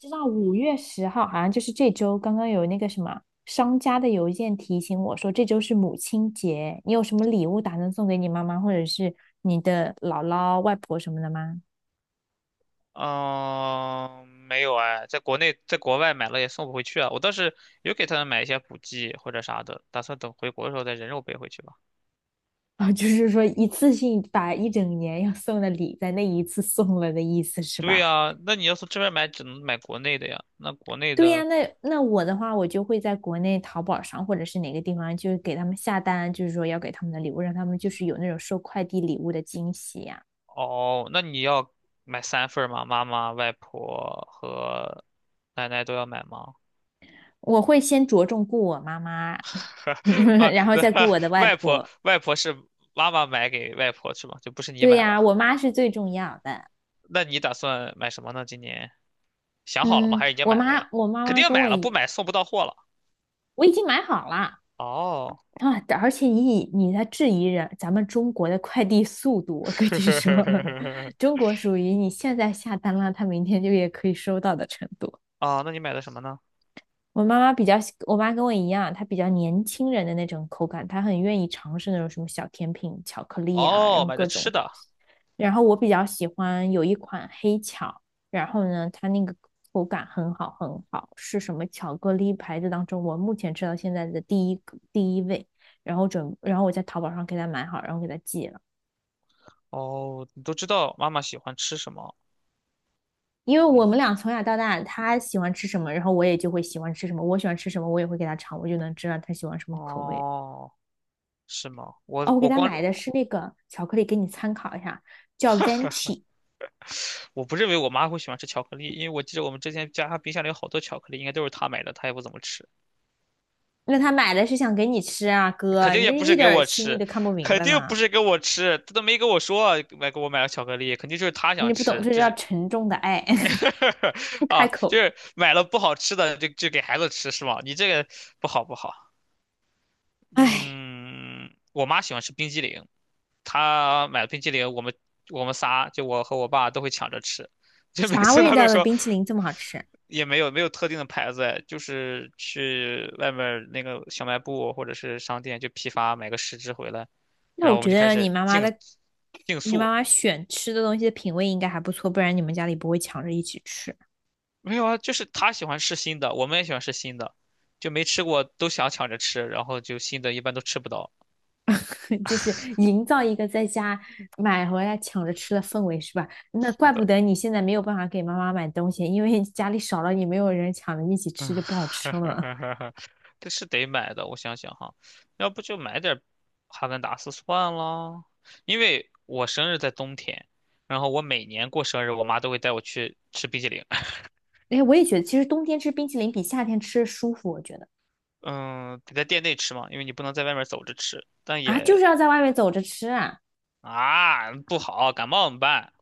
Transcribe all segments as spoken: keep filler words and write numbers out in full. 知道五月十号好像就是这周，刚刚有那个什么商家的邮件提醒我说这周是母亲节，你有什么礼物打算送给你妈妈或者是你的姥姥、外婆什么的吗？嗯，没有哎，在国内在国外买了也送不回去啊。我倒是有给他们买一些补剂或者啥的，打算等回国的时候再人肉背回去吧。啊，就是说一次性把一整年要送的礼在那一次送了的意思是对吧？呀，那你要从这边买，只能买国内的呀。那国内对呀，的那那我的话，我就会在国内淘宝上或者是哪个地方，就是给他们下单，就是说要给他们的礼物，让他们就是有那种收快递礼物的惊喜呀。哦，那你要买三份儿吗？妈妈、外婆和奶奶都要买吗？我会先着重顾我妈妈 啊，然后再顾我 的外外婆婆。外婆是妈妈买给外婆是吧？就不是你对买呀，啊了？我妈是最重要的。那你打算买什么呢？今年？想好了吗？嗯，还是已经我买了呀？妈，我妈肯妈定跟买我了，不一，买送不到货了。我已经买好了哦，啊。而且你你在质疑人，咱们中国的快递速度，我跟你说，中国属于你现在下单了，他明天就也可以收到的程度。啊，那你买的什么呢？我妈妈比较喜，我妈跟我一样，她比较年轻人的那种口感，她很愿意尝试那种什么小甜品、巧克力啊，然哦，后买各的种吃东的。西。然后我比较喜欢有一款黑巧，然后呢，它那个口感很好很好，是什么巧克力牌子当中我目前吃到现在的第一个第一位。然后准，然后我在淘宝上给她买好，然后给她寄了。哦，你都知道妈妈喜欢吃什么。因为我嗯，们俩从小到大，她喜欢吃什么，然后我也就会喜欢吃什么。我喜欢吃什么，我也会给她尝，我就能知道她喜欢什么口味。哦，是吗？我哦，我给我他光 买的是那个巧克力，给你参考一下，叫 Venti。我不认为我妈会喜欢吃巧克力，因为我记得我们之前家冰箱里有好多巧克力，应该都是她买的，她也不怎么吃，那他买的是想给你吃啊，肯哥，定也你是不是一给点儿我心意吃，都看不明肯白定不呢，是给我吃，她都没跟我说买给我买了巧克力，肯定就是她你想不懂，吃，这就叫是 沉重的爱，不 开啊，就口。是买了不好吃的就就给孩子吃是吗？你这个不好不好。唉，嗯，我妈喜欢吃冰激凌，她买了冰激凌，我们我们仨就我和我爸都会抢着吃，就每啥次味她都道的说冰淇淋这么好吃？也没有没有特定的牌子哎就是去外面儿那个小卖部或者是商店就批发买个十只回来，那然后我我们觉就开得你始妈妈竞的，竞你妈速，妈选吃的东西的品味应该还不错，不然你们家里不会抢着一起吃。没有啊，就是他喜欢吃新的，我们也喜欢吃新的，就没吃过都想抢着吃，然后就新的一般都吃不到。就是营造一个在家买回来抢着吃的氛围，是吧？那是怪不的，得你现在没有办法给妈妈买东西，因为家里少了你，没有人抢着一起嗯，吃，就不好吃了。这是得买的，我想想哈，要不就买点哈根达斯算了，因为我生日在冬天，然后我每年过生日，我妈都会带我去吃冰淇淋。哎，我也觉得，其实冬天吃冰淇淋比夏天吃舒服，我觉得嗯，得在店内吃嘛，因为你不能在外面走着吃，但啊，就也是要在外面走着吃啊，啊不好，感冒怎么办？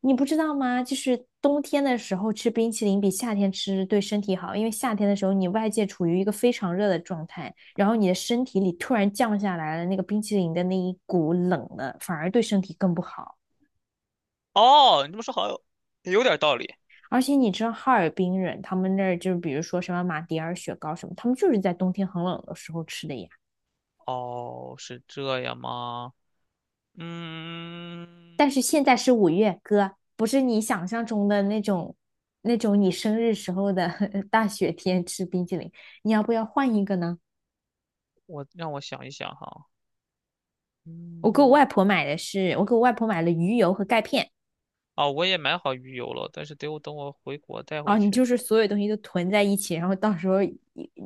你不知道吗？就是冬天的时候吃冰淇淋比夏天吃对身体好，因为夏天的时候你外界处于一个非常热的状态，然后你的身体里突然降下来了那个冰淇淋的那一股冷的，反而对身体更不好。哦，你这么说好像有点道理。而且你知道哈尔滨人，他们那儿就是比如说什么马迭尔雪糕什么，他们就是在冬天很冷的时候吃的呀。哦，是这样吗？嗯，但是现在是五月，哥，不是你想象中的那种那种你生日时候的 大雪天吃冰淇淋。你要不要换一个呢？我让我想一想哈。我给我嗯，外婆买的是，我给我外婆买了鱼油和钙片。哦，我也买好鱼油了，但是得我等我回国带回啊，你去。就是所有东西都囤在一起，然后到时候一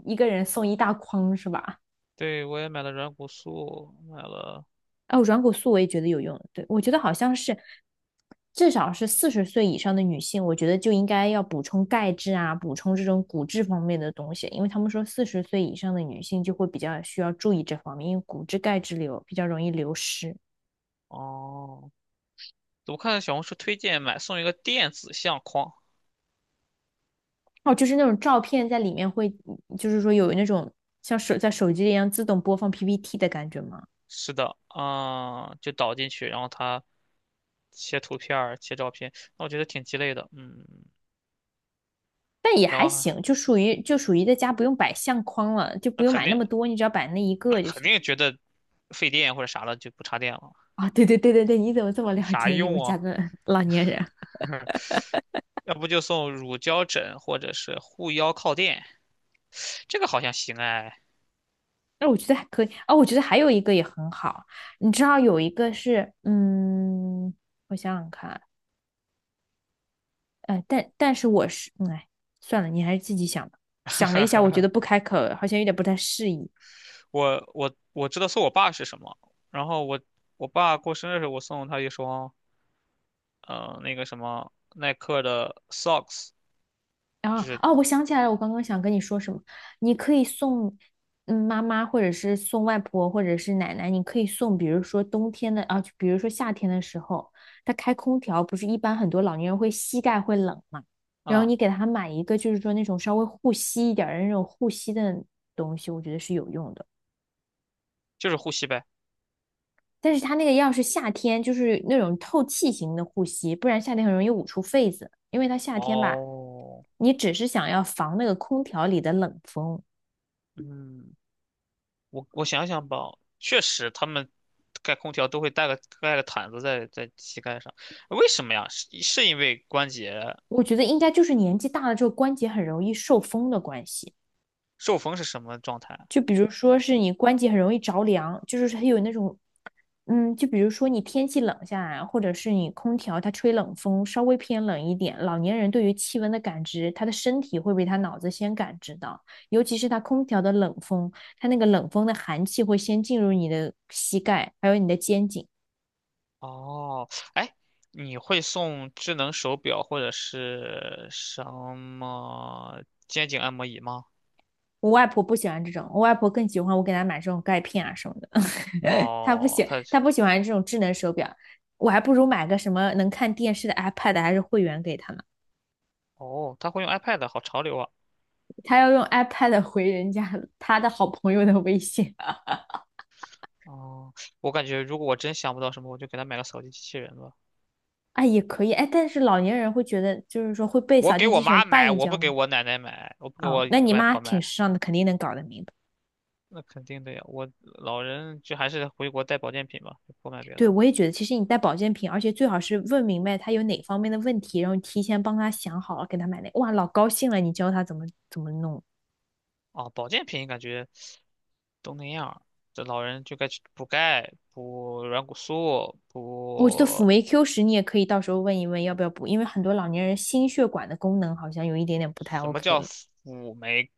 一个人送一大筐是吧？对，我也买了软骨素，买了。哦，软骨素我也觉得有用。对，我觉得好像是至少是四十岁以上的女性，我觉得就应该要补充钙质啊，补充这种骨质方面的东西，因为他们说四十岁以上的女性就会比较需要注意这方面，因为骨质钙质流比较容易流失。哦，我看小红书推荐买送一个电子相框。哦，就是那种照片在里面会，就是说有那种像手在手机一样自动播放 P P T 的感觉吗？是的，嗯，就导进去，然后它切图片儿、切照片，那我觉得挺鸡肋的。嗯，但也然还后行，就属于就属于在家不用摆相框了，就不那用肯买那定，么多，你只要摆那一那个就肯行。定觉得费电或者啥了，就不插电了，啊，对对对对对，你怎么这么有了啥解你用们家啊？的老年人？要不就送乳胶枕或者是护腰靠垫，这个好像行哎。那我觉得还可以啊，我觉得还有一个也很好，你知道有一个是，嗯，我想想看，呃，但但是我是，嗯哎，算了，你还是自己想吧。想了一下，我觉 得不开口好像有点不太适宜。我我我知道送我爸是什么，然后我我爸过生日的时候，我送他一双，呃，那个什么耐克的 socks，啊就是哦，我想起来了，我刚刚想跟你说什么？你可以送嗯妈妈，或者是送外婆，或者是奶奶。你可以送，比如说冬天的啊，就比如说夏天的时候，他开空调，不是一般很多老年人会膝盖会冷嘛？然后啊、你给他买一个，就是说那种稍微护膝一点儿的那种护膝的东西，我觉得是有用的。就是护膝呗。但是它那个要是夏天，就是那种透气型的护膝，不然夏天很容易捂出痱子，因为它夏天吧，哦，你只是想要防那个空调里的冷风。嗯，我我想想吧，确实他们盖空调都会带个盖个毯子在在膝盖上，为什么呀？是是因为关节我觉得应该就是年纪大了之后关节很容易受风的关系，受风是什么状态？就比如说是你关节很容易着凉，就是它有那种，嗯，就比如说你天气冷下来，或者是你空调它吹冷风稍微偏冷一点，老年人对于气温的感知，他的身体会比他脑子先感知到，尤其是他空调的冷风，他那个冷风的寒气会先进入你的膝盖，还有你的肩颈。哦，哎，你会送智能手表或者是什么肩颈按摩椅吗？我外婆不喜欢这种，我外婆更喜欢我给她买这种钙片啊什么的。他不哦，喜他他不喜欢这种智能手表，我还不如买个什么能看电视的 iPad 还是会员给他呢。哦，他会用 iPad，好潮流啊！他要用 iPad 回人家他的好朋友的微信 啊，哦，我感觉如果我真想不到什么，我就给他买个扫地机器人吧。哎也可以哎，但是老年人会觉得就是说会被我扫给地我机器人妈绊买，一我不跤给吗？我奶奶买，我不给哦，我那你外妈婆挺买，时尚的，肯定能搞得明白。那肯定的呀。我老人就还是回国带保健品吧，就不买别的对，了。我也觉得，其实你带保健品，而且最好是问明白他有哪方面的问题，然后提前帮他想好了给他买那。哇，老高兴了，你教他怎么怎么弄。哦，保健品感觉都那样儿这老人就该去补钙、补软骨素、我觉得辅补酶 Q 十你也可以到时候问一问要不要补，因为很多老年人心血管的功能好像有一点点不太 什么 OK 叫了。辅酶？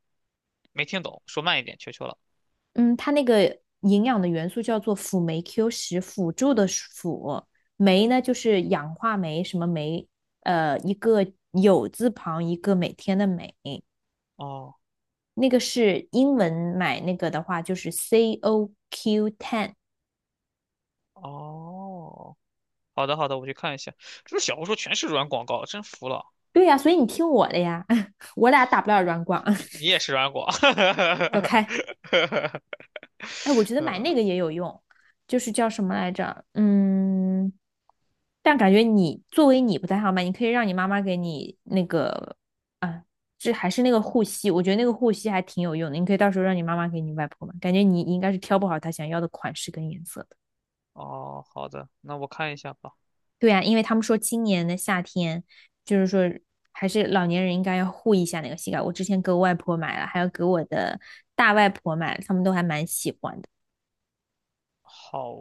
没听懂，说慢一点，求求了。嗯，它那个营养的元素叫做辅酶 Q 十，辅助的辅，酶呢就是氧化酶，什么酶？呃，一个有字旁，一个每天的每，哦那个是英文买那个的话就是 C O Q ten。哦，好的好的，我去看一下。是不是小红书全是软广告？真服了，对呀，啊所以你听我的呀，我俩打不了软广，你你也是软广。走开。哎，我觉得买嗯，那个也有用，就是叫什么来着？嗯，但感觉你作为你不太好买，你可以让你妈妈给你那个啊，这还是那个护膝，我觉得那个护膝还挺有用的，你可以到时候让你妈妈给你外婆买，感觉你应该是挑不好她想要的款式跟颜色的。哦，好的，那我看一下吧。对呀，因为他们说今年的夏天，就是说还是老年人应该要护一下那个膝盖。我之前给我外婆买了，还有给我的大外婆买了他们都还蛮喜欢的。好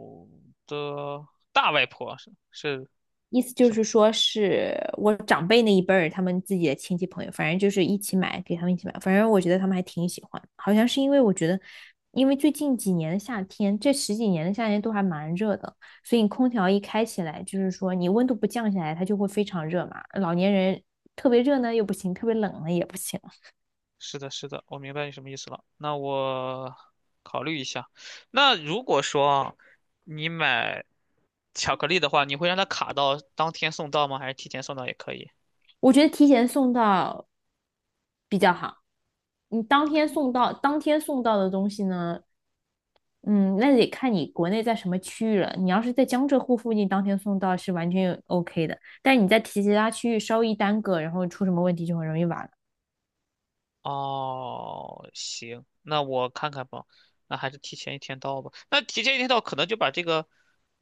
的，大外婆是是意思就是。是说是我长辈那一辈儿，他们自己的亲戚朋友，反正就是一起买，给他们一起买。反正我觉得他们还挺喜欢，好像是因为我觉得，因为最近几年的夏天，这十几年的夏天都还蛮热的，所以你空调一开起来，就是说你温度不降下来，它就会非常热嘛。老年人特别热呢又不行，特别冷呢也不行。是的，是的，我明白你什么意思了。那我考虑一下。那如果说啊你买巧克力的话，你会让它卡到当天送到吗？还是提前送到也可以？我觉得提前送到比较好。你当天送到，当天送到的东西呢，嗯，那得看你国内在什么区域了。你要是在江浙沪附近，当天送到是完全 OK 的。但是你在提其他区域稍一耽搁，然后出什么问题就很容易晚了。哦，行，那我看看吧。那还是提前一天到吧。那提前一天到，可能就把这个，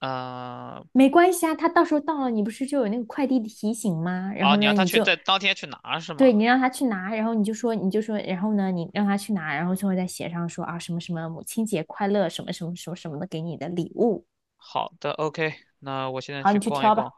嗯、没关系啊，他到时候到了，你不是就有那个快递的提醒吗？然啊，后你呢，让他你去就在当天去拿是对吗？你让他去拿，然后你就说你就说，然后呢，你让他去拿，然后最后再写上说啊什么什么母亲节快乐，什么什么什么什么的给你的礼物。好的，OK，那我现在好，去你去逛一挑逛。吧。